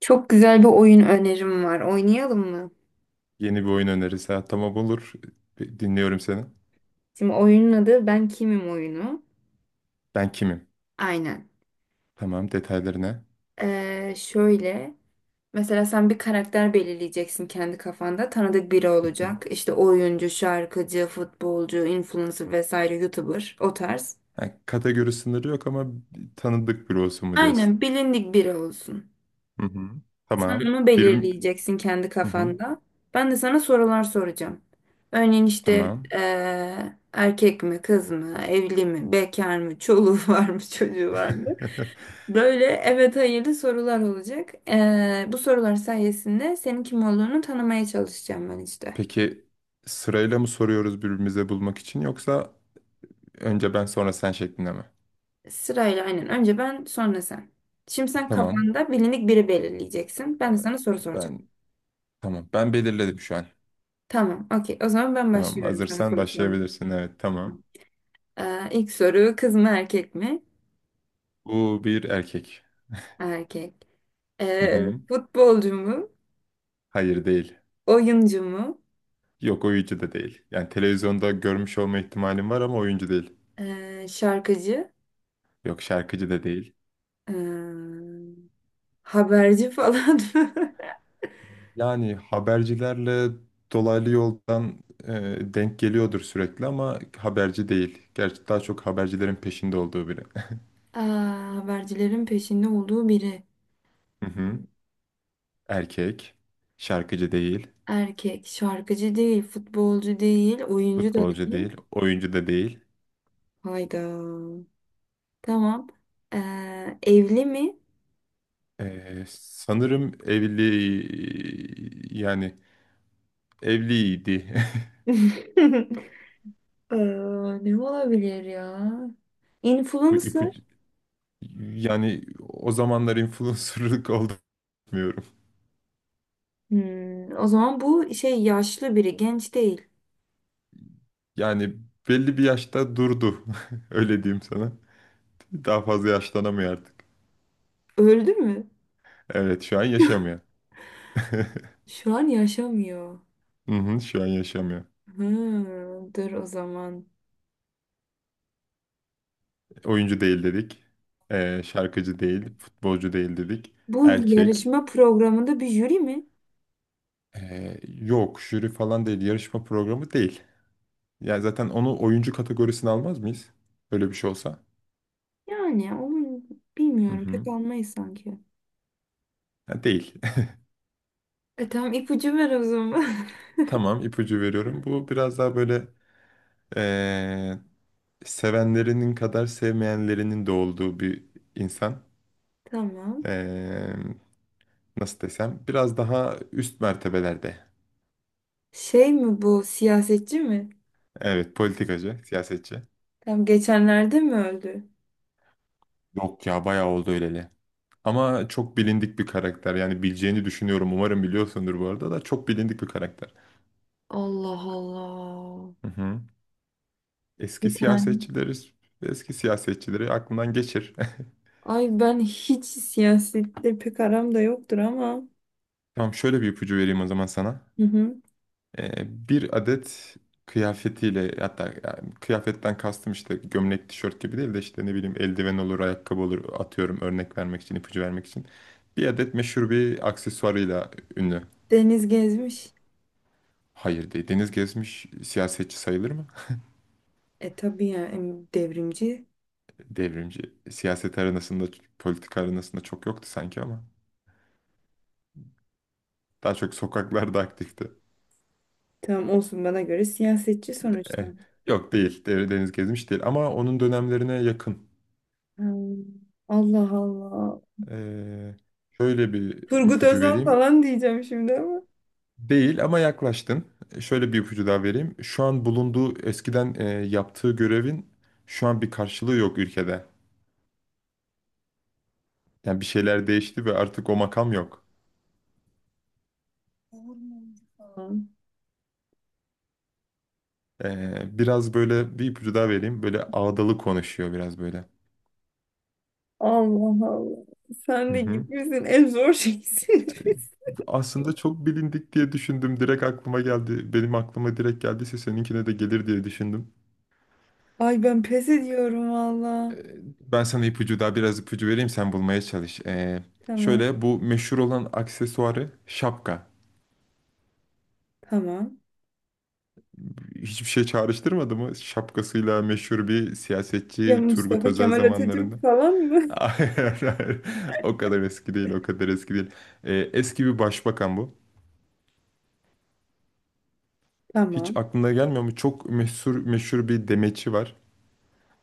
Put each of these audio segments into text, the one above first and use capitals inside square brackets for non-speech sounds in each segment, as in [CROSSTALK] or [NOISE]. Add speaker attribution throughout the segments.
Speaker 1: Çok güzel bir oyun önerim var. Oynayalım mı?
Speaker 2: Yeni bir oyun önerisi. Ha, tamam olur. Bir, dinliyorum seni.
Speaker 1: Şimdi oyunun adı Ben Kimim oyunu.
Speaker 2: Ben kimim?
Speaker 1: Aynen.
Speaker 2: Tamam, detaylarına.
Speaker 1: Şöyle. Mesela sen bir karakter belirleyeceksin kendi kafanda. Tanıdık biri
Speaker 2: Hı hı.
Speaker 1: olacak. İşte oyuncu, şarkıcı, futbolcu, influencer vesaire, YouTuber o tarz.
Speaker 2: Ha, kategori sınırı yok ama tanıdık biri olsun mu diyorsun?
Speaker 1: Aynen, bilindik biri olsun.
Speaker 2: Hı hı.
Speaker 1: Sen
Speaker 2: Tamam.
Speaker 1: onu
Speaker 2: Bir...
Speaker 1: belirleyeceksin kendi
Speaker 2: Hı hı.
Speaker 1: kafanda. Ben de sana sorular soracağım. Örneğin işte
Speaker 2: Tamam.
Speaker 1: erkek mi, kız mı, evli mi, bekar mı, çoluğu [LAUGHS] var mı, çocuğu var mı?
Speaker 2: [LAUGHS]
Speaker 1: Böyle evet hayırlı sorular olacak. Bu sorular sayesinde senin kim olduğunu tanımaya çalışacağım ben işte.
Speaker 2: Peki, sırayla mı soruyoruz birbirimize bulmak için, yoksa önce ben sonra sen şeklinde mi?
Speaker 1: Sırayla, aynen. Önce ben sonra sen. Şimdi sen
Speaker 2: Tamam.
Speaker 1: kafanda bilindik biri belirleyeceksin.
Speaker 2: Ee,
Speaker 1: Ben de sana soru soracağım.
Speaker 2: Ben tamam. Ben belirledim şu an.
Speaker 1: Tamam, okey. O zaman ben
Speaker 2: Tamam.
Speaker 1: başlıyorum sana
Speaker 2: Hazırsan
Speaker 1: soru sormaya.
Speaker 2: başlayabilirsin. Evet, tamam.
Speaker 1: İlk soru, kız mı erkek mi?
Speaker 2: Bu bir erkek.
Speaker 1: Erkek.
Speaker 2: Hı hı.
Speaker 1: Futbolcu mu?
Speaker 2: Hayır değil.
Speaker 1: Oyuncu mu?
Speaker 2: Yok, oyuncu da değil. Yani televizyonda görmüş olma ihtimalim var ama oyuncu değil.
Speaker 1: Şarkıcı?
Speaker 2: Yok, şarkıcı da değil.
Speaker 1: Ee, Haberci falan mı? [LAUGHS]
Speaker 2: Yani habercilerle dolaylı yoldan e, denk geliyordur sürekli ama haberci değil. Gerçi daha çok habercilerin peşinde olduğu biri.
Speaker 1: Aa, vergilerin peşinde olduğu biri.
Speaker 2: [LAUGHS] Hı hı. Erkek, şarkıcı değil,
Speaker 1: Erkek, şarkıcı değil, futbolcu değil, oyuncu da
Speaker 2: futbolcu değil,
Speaker 1: değil.
Speaker 2: oyuncu da değil.
Speaker 1: Hayda. Tamam. Evli mi?
Speaker 2: Sanırım evli, yani evliydi.
Speaker 1: [LAUGHS] Ee, Ne olabilir ya?
Speaker 2: [LAUGHS] Bu- bu-
Speaker 1: Influencer.
Speaker 2: Yani o zamanlar influencerlık [LAUGHS] olduğunu bilmiyorum.
Speaker 1: Hmm, o zaman bu şey, yaşlı biri, genç değil.
Speaker 2: Yani belli bir yaşta durdu. [LAUGHS] Öyle diyeyim sana. Daha fazla yaşlanamıyor artık.
Speaker 1: Öldü mü?
Speaker 2: Evet, şu an yaşamıyor. [LAUGHS]
Speaker 1: Şu an yaşamıyor.
Speaker 2: Hı hı, şu an yaşamıyor.
Speaker 1: Hmm, dur o zaman.
Speaker 2: Oyuncu değil dedik. Şarkıcı değil. Futbolcu değil dedik.
Speaker 1: Bu
Speaker 2: Erkek.
Speaker 1: yarışma programında bir jüri mi?
Speaker 2: Yok jüri falan değil. Yarışma programı değil. Yani zaten onu oyuncu kategorisine almaz mıyız? Böyle bir şey olsa.
Speaker 1: Yani onu
Speaker 2: Hı
Speaker 1: bilmiyorum. Pek
Speaker 2: hı.
Speaker 1: almayız sanki.
Speaker 2: Ha, değil.
Speaker 1: E tamam, ipucu ver o zaman.
Speaker 2: [LAUGHS] Tamam, ipucu veriyorum. Bu biraz daha böyle ee, sevenlerinin kadar sevmeyenlerinin de olduğu bir insan.
Speaker 1: [LAUGHS] Tamam.
Speaker 2: Ee, nasıl desem, biraz daha üst mertebelerde.
Speaker 1: Şey mi bu, siyasetçi mi?
Speaker 2: Evet, politikacı, siyasetçi.
Speaker 1: Tam geçenlerde mi öldü?
Speaker 2: Yok ya, bayağı oldu öyleli. Ama çok bilindik bir karakter. Yani bileceğini düşünüyorum. Umarım biliyorsundur bu arada da, çok bilindik bir karakter.
Speaker 1: Allah Allah.
Speaker 2: Hı hı. Eski
Speaker 1: Bir tane.
Speaker 2: siyasetçileri, eski siyasetçileri aklından geçir. [LAUGHS]
Speaker 1: Ay ben hiç siyasetle pek aram da yoktur ama.
Speaker 2: Tamam, şöyle bir ipucu vereyim o zaman sana.
Speaker 1: Hı hı.
Speaker 2: Bir adet kıyafetiyle, hatta yani kıyafetten kastım işte gömlek, tişört gibi değil de işte ne bileyim eldiven olur, ayakkabı olur, atıyorum örnek vermek için, ipucu vermek için. Bir adet meşhur bir aksesuarıyla ünlü.
Speaker 1: Deniz gezmiş.
Speaker 2: Hayır değil. Deniz Gezmiş siyasetçi sayılır mı?
Speaker 1: E tabii ya, devrimci.
Speaker 2: Devrimci. Siyaset arenasında, politika arenasında çok yoktu sanki ama. Daha çok sokaklarda aktifti.
Speaker 1: Tamam olsun, bana göre siyasetçi sonuçta.
Speaker 2: Eh, yok değil. Deniz Gezmiş değil ama onun dönemlerine yakın.
Speaker 1: Hmm, Allah Allah.
Speaker 2: Ee, şöyle bir
Speaker 1: Turgut
Speaker 2: ipucu
Speaker 1: Özal
Speaker 2: vereyim.
Speaker 1: falan diyeceğim şimdi ama.
Speaker 2: Değil ama yaklaştın. Şöyle bir ipucu daha vereyim. Şu an bulunduğu, eskiden yaptığı görevin şu an bir karşılığı yok ülkede. Yani bir şeyler değişti ve artık o makam yok.
Speaker 1: Olur mu?
Speaker 2: Biraz böyle bir ipucu daha vereyim. Böyle ağdalı konuşuyor biraz böyle.
Speaker 1: Allah Allah. Sen
Speaker 2: Hı
Speaker 1: de
Speaker 2: hı.
Speaker 1: gitmişsin. En zor şeysin. [LAUGHS]
Speaker 2: Aslında çok bilindik diye düşündüm. Direkt aklıma geldi. Benim aklıma direkt geldiyse seninkine de gelir diye düşündüm.
Speaker 1: Ay ben pes ediyorum valla.
Speaker 2: Ben sana ipucu, daha biraz ipucu vereyim, sen bulmaya çalış. E,
Speaker 1: Tamam.
Speaker 2: şöyle bu meşhur olan aksesuarı şapka.
Speaker 1: Tamam.
Speaker 2: Hiçbir şey çağrıştırmadı mı? Şapkasıyla meşhur bir
Speaker 1: Ya
Speaker 2: siyasetçi, Turgut
Speaker 1: Mustafa
Speaker 2: Özel
Speaker 1: Kemal
Speaker 2: zamanlarında.
Speaker 1: Atatürk falan mı?
Speaker 2: [LAUGHS] Hayır, hayır. O kadar eski değil, o kadar eski değil. Eski bir başbakan bu.
Speaker 1: [LAUGHS]
Speaker 2: Hiç
Speaker 1: Tamam.
Speaker 2: aklına gelmiyor mu? Çok meşhur, meşhur bir demeçi var.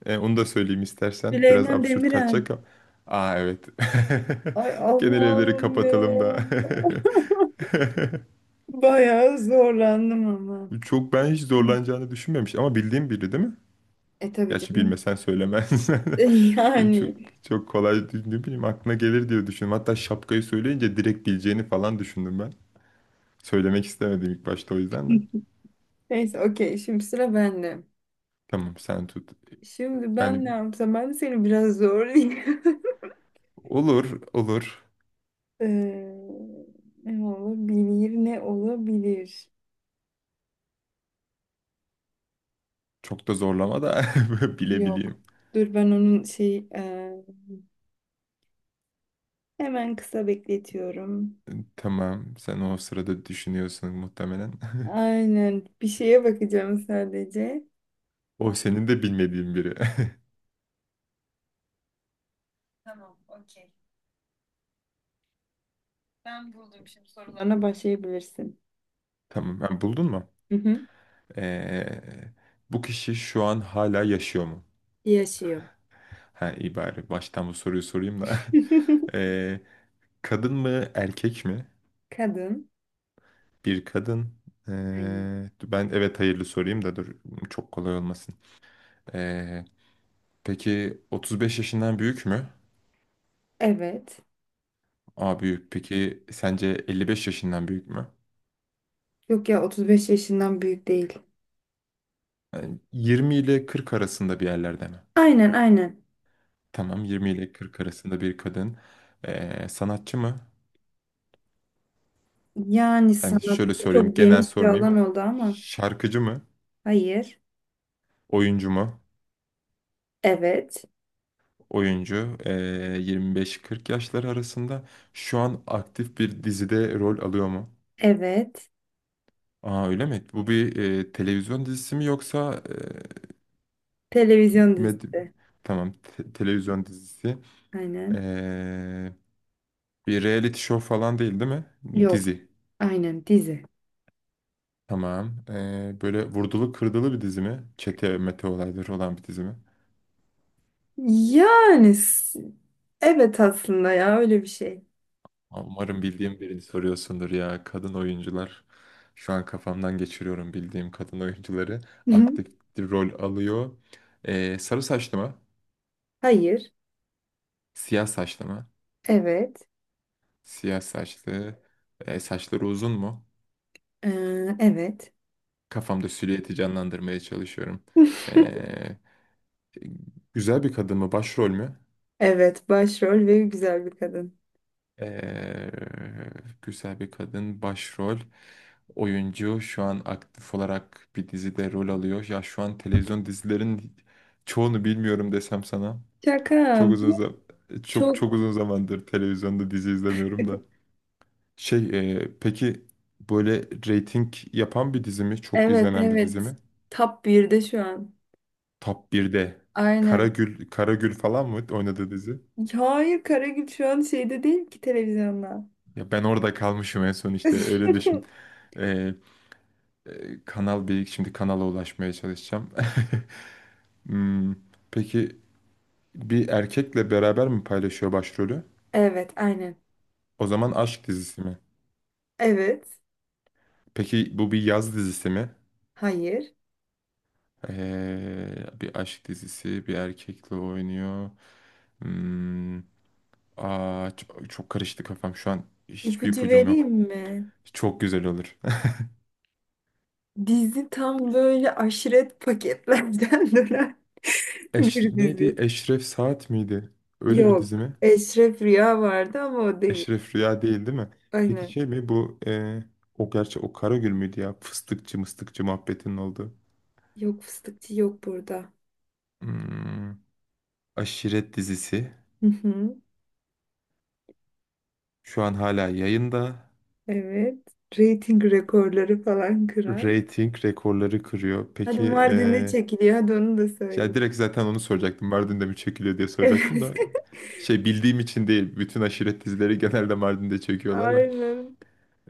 Speaker 2: Onu da söyleyeyim istersen. Biraz
Speaker 1: Süleyman
Speaker 2: absürt
Speaker 1: Demirel.
Speaker 2: kaçacak ama. Aa, evet.
Speaker 1: Ay
Speaker 2: [LAUGHS] Genel evleri
Speaker 1: Allah'ım ya.
Speaker 2: kapatalım da. [LAUGHS]
Speaker 1: [LAUGHS] Bayağı zorlandım ama.
Speaker 2: Çok, ben hiç zorlanacağını düşünmemiş ama bildiğim biri değil mi?
Speaker 1: E tabii
Speaker 2: Gerçi
Speaker 1: canım.
Speaker 2: bilmesen söylemez.
Speaker 1: [LAUGHS]
Speaker 2: [LAUGHS] Çok
Speaker 1: Yani.
Speaker 2: çok kolay, ne bileyim, aklına gelir diye düşündüm. Hatta şapkayı söyleyince direkt bileceğini falan düşündüm ben. Söylemek istemedim ilk başta, o yüzden de.
Speaker 1: Neyse, okey. Şimdi sıra bende.
Speaker 2: Tamam, sen tut.
Speaker 1: Şimdi
Speaker 2: Yani
Speaker 1: ben ne yapsam? Ben de seni biraz zorlayayım. [LAUGHS]
Speaker 2: olur olur.
Speaker 1: Ee, Ne olabilir? Ne olabilir?
Speaker 2: Çok da zorlama da [LAUGHS]
Speaker 1: Yok.
Speaker 2: bilebileyim.
Speaker 1: Dur ben onun hemen kısa bekletiyorum.
Speaker 2: Tamam, sen o sırada düşünüyorsun muhtemelen. [LAUGHS]
Speaker 1: Aynen. Bir şeye bakacağım sadece.
Speaker 2: O senin de bilmediğin biri.
Speaker 1: Tamam, okey. Ben buldum, şimdi sorularına başlayabilirsin.
Speaker 2: [LAUGHS] Tamam, ha, buldun mu?
Speaker 1: Hı hı.
Speaker 2: Ee, bu kişi şu an hala yaşıyor mu?
Speaker 1: Yaşıyor.
Speaker 2: Ha, iyi, bari baştan bu soruyu sorayım da. [LAUGHS]
Speaker 1: [LAUGHS]
Speaker 2: Ee, Kadın mı, erkek mi?
Speaker 1: Kadın.
Speaker 2: Bir kadın.
Speaker 1: Aynen.
Speaker 2: Ben evet hayırlı sorayım da, dur, çok kolay olmasın. Ee, peki 35 yaşından büyük mü?
Speaker 1: Evet.
Speaker 2: Aa, büyük. Peki sence 55 yaşından büyük mü?
Speaker 1: Yok ya, 35 yaşından büyük değil.
Speaker 2: Yani 20 ile 40 arasında bir yerlerde mi?
Speaker 1: Aynen aynen.
Speaker 2: Tamam, 20 ile 40 arasında bir kadın. Sanatçı mı?
Speaker 1: Yani
Speaker 2: Yani
Speaker 1: sanat
Speaker 2: şöyle sorayım,
Speaker 1: çok
Speaker 2: genel
Speaker 1: geniş bir
Speaker 2: sormayayım.
Speaker 1: alan oldu ama.
Speaker 2: Şarkıcı mı?
Speaker 1: Hayır.
Speaker 2: Oyuncu mu?
Speaker 1: Evet.
Speaker 2: Oyuncu, 25-40 yaşları arasında şu an aktif bir dizide rol alıyor mu?
Speaker 1: Evet.
Speaker 2: Aa, öyle mi? Bu bir televizyon dizisi mi, yoksa
Speaker 1: Televizyon
Speaker 2: med-
Speaker 1: dizisi.
Speaker 2: tamam, televizyon dizisi.
Speaker 1: Aynen.
Speaker 2: Eee, bir reality show falan değil, değil mi?
Speaker 1: Yok.
Speaker 2: Dizi.
Speaker 1: Aynen, dizi.
Speaker 2: Tamam. Böyle vurdulu kırdılı bir dizi mi? Çete mete olayları olan bir dizi mi?
Speaker 1: Yani s- evet aslında ya, öyle bir şey.
Speaker 2: Umarım bildiğim birini soruyorsundur ya. Kadın oyuncular. Şu an kafamdan geçiriyorum bildiğim kadın oyuncuları.
Speaker 1: Hı hı.
Speaker 2: Aktif bir rol alıyor. Sarı saçlı mı?
Speaker 1: Hayır.
Speaker 2: Siyah saçlı mı?
Speaker 1: Evet.
Speaker 2: Siyah saçlı. Saçları uzun mu?
Speaker 1: Evet.
Speaker 2: Kafamda silüeti canlandırmaya çalışıyorum.
Speaker 1: [LAUGHS]
Speaker 2: Ee, güzel bir kadın mı? Başrol mü?
Speaker 1: Evet, başrol ve güzel bir kadın.
Speaker 2: Ee, güzel bir kadın, başrol oyuncu, şu an aktif olarak bir dizide rol alıyor. Ya şu an televizyon dizilerin çoğunu bilmiyorum desem sana.
Speaker 1: Şaka.
Speaker 2: Çok uzun çok çok
Speaker 1: Çok.
Speaker 2: uzun zamandır televizyonda dizi izlemiyorum da. Şey peki böyle reyting yapan bir dizi mi? Çok
Speaker 1: Evet
Speaker 2: izlenen bir dizi
Speaker 1: evet.
Speaker 2: mi?
Speaker 1: Top birde şu an.
Speaker 2: Top 1'de.
Speaker 1: Aynen.
Speaker 2: Karagül, Karagül falan mı oynadığı dizi?
Speaker 1: Hayır, Karagül şu an şeyde değil ki, televizyonda.
Speaker 2: Ya ben orada kalmışım en son, işte öyle düşün.
Speaker 1: [LAUGHS]
Speaker 2: Kanal Beyik, şimdi kanala ulaşmaya çalışacağım. [LAUGHS] Hmm, peki bir erkekle beraber mi paylaşıyor başrolü?
Speaker 1: Evet aynen.
Speaker 2: O zaman aşk dizisi mi?
Speaker 1: Evet.
Speaker 2: Peki bu bir yaz dizisi mi?
Speaker 1: Hayır.
Speaker 2: Bir aşk dizisi, bir erkekle oynuyor. Hmm, aa, çok, çok karıştı kafam şu an. Hiçbir
Speaker 1: İpucu
Speaker 2: ipucum yok.
Speaker 1: vereyim mi?
Speaker 2: Çok güzel olur.
Speaker 1: Dizi tam böyle aşiret paketlerden [LAUGHS] dönen
Speaker 2: [LAUGHS] Eş,
Speaker 1: bir
Speaker 2: neydi?
Speaker 1: dizi.
Speaker 2: Eşref Saat miydi? Öyle bir dizi
Speaker 1: Yok.
Speaker 2: mi?
Speaker 1: Eşref Rüya vardı ama o değil.
Speaker 2: Eşref Rüya değil, değil mi? Peki
Speaker 1: Aynen.
Speaker 2: şey mi bu, o, gerçi o Karagül müydü ya? Fıstıkçı, mıstıkçı muhabbetinin olduğu.
Speaker 1: Yok, fıstıkçı yok burada.
Speaker 2: Hmm, aşiret dizisi.
Speaker 1: Hı hı.
Speaker 2: Şu an hala yayında.
Speaker 1: Evet. Rating rekorları falan kıran.
Speaker 2: Rating rekorları kırıyor.
Speaker 1: Hadi
Speaker 2: Peki
Speaker 1: Mardin'de çekiliyor. Hadi onu da
Speaker 2: ya,
Speaker 1: söyleyeyim.
Speaker 2: direkt zaten onu soracaktım. Mardin'de mi çekiliyor diye soracaktım
Speaker 1: Evet.
Speaker 2: da.
Speaker 1: [LAUGHS]
Speaker 2: Şey bildiğim için değil. Bütün aşiret dizileri [LAUGHS] genelde Mardin'de çekiyorlar ya.
Speaker 1: Aynen.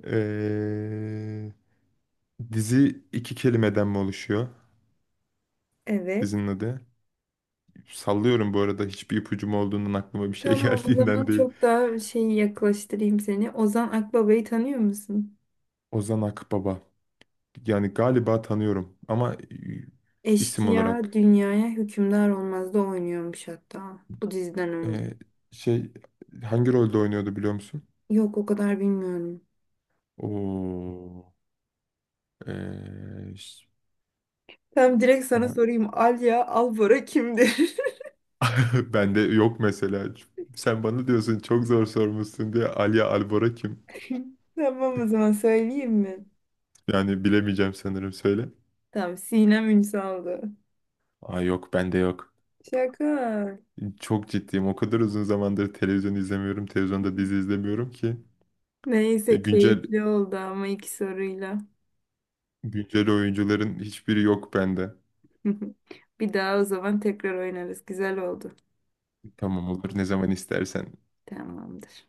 Speaker 2: E, dizi iki kelimeden mi oluşuyor?
Speaker 1: Evet.
Speaker 2: Dizinin adı. Sallıyorum bu arada, hiçbir ipucum olduğundan, aklıma bir şey [LAUGHS]
Speaker 1: Tamam, o
Speaker 2: geldiğinden
Speaker 1: zaman
Speaker 2: değil.
Speaker 1: çok daha şeyi yaklaştırayım seni. Ozan Akbaba'yı tanıyor musun?
Speaker 2: Ozan Akbaba. Yani galiba tanıyorum ama isim
Speaker 1: Eşkıya
Speaker 2: olarak
Speaker 1: dünyaya hükümdar olmazda oynuyormuş hatta bu diziden önce.
Speaker 2: e, şey hangi rolde oynuyordu, biliyor musun?
Speaker 1: Yok, o kadar bilmiyorum.
Speaker 2: Oo, e, ş-
Speaker 1: Tam direkt sana
Speaker 2: ay,
Speaker 1: sorayım. Alya Albora kimdir?
Speaker 2: [LAUGHS] bende yok mesela. Sen bana diyorsun çok zor sormuşsun diye, Alia Albora kim?
Speaker 1: [LAUGHS] Tamam, o zaman söyleyeyim mi?
Speaker 2: Yani bilemeyeceğim sanırım, söyle.
Speaker 1: Tamam, Sinem Ünsal'dı.
Speaker 2: Aa, yok, bende yok.
Speaker 1: Şaka.
Speaker 2: Çok ciddiyim. O kadar uzun zamandır televizyon izlemiyorum. Televizyonda dizi izlemiyorum ki. E,
Speaker 1: Neyse,
Speaker 2: güncel
Speaker 1: keyifli oldu ama iki soruyla.
Speaker 2: Güncel oyuncuların hiçbiri yok bende.
Speaker 1: [LAUGHS] Bir daha o zaman tekrar oynarız. Güzel oldu.
Speaker 2: Tamam, olur, ne zaman istersen.
Speaker 1: Tamamdır.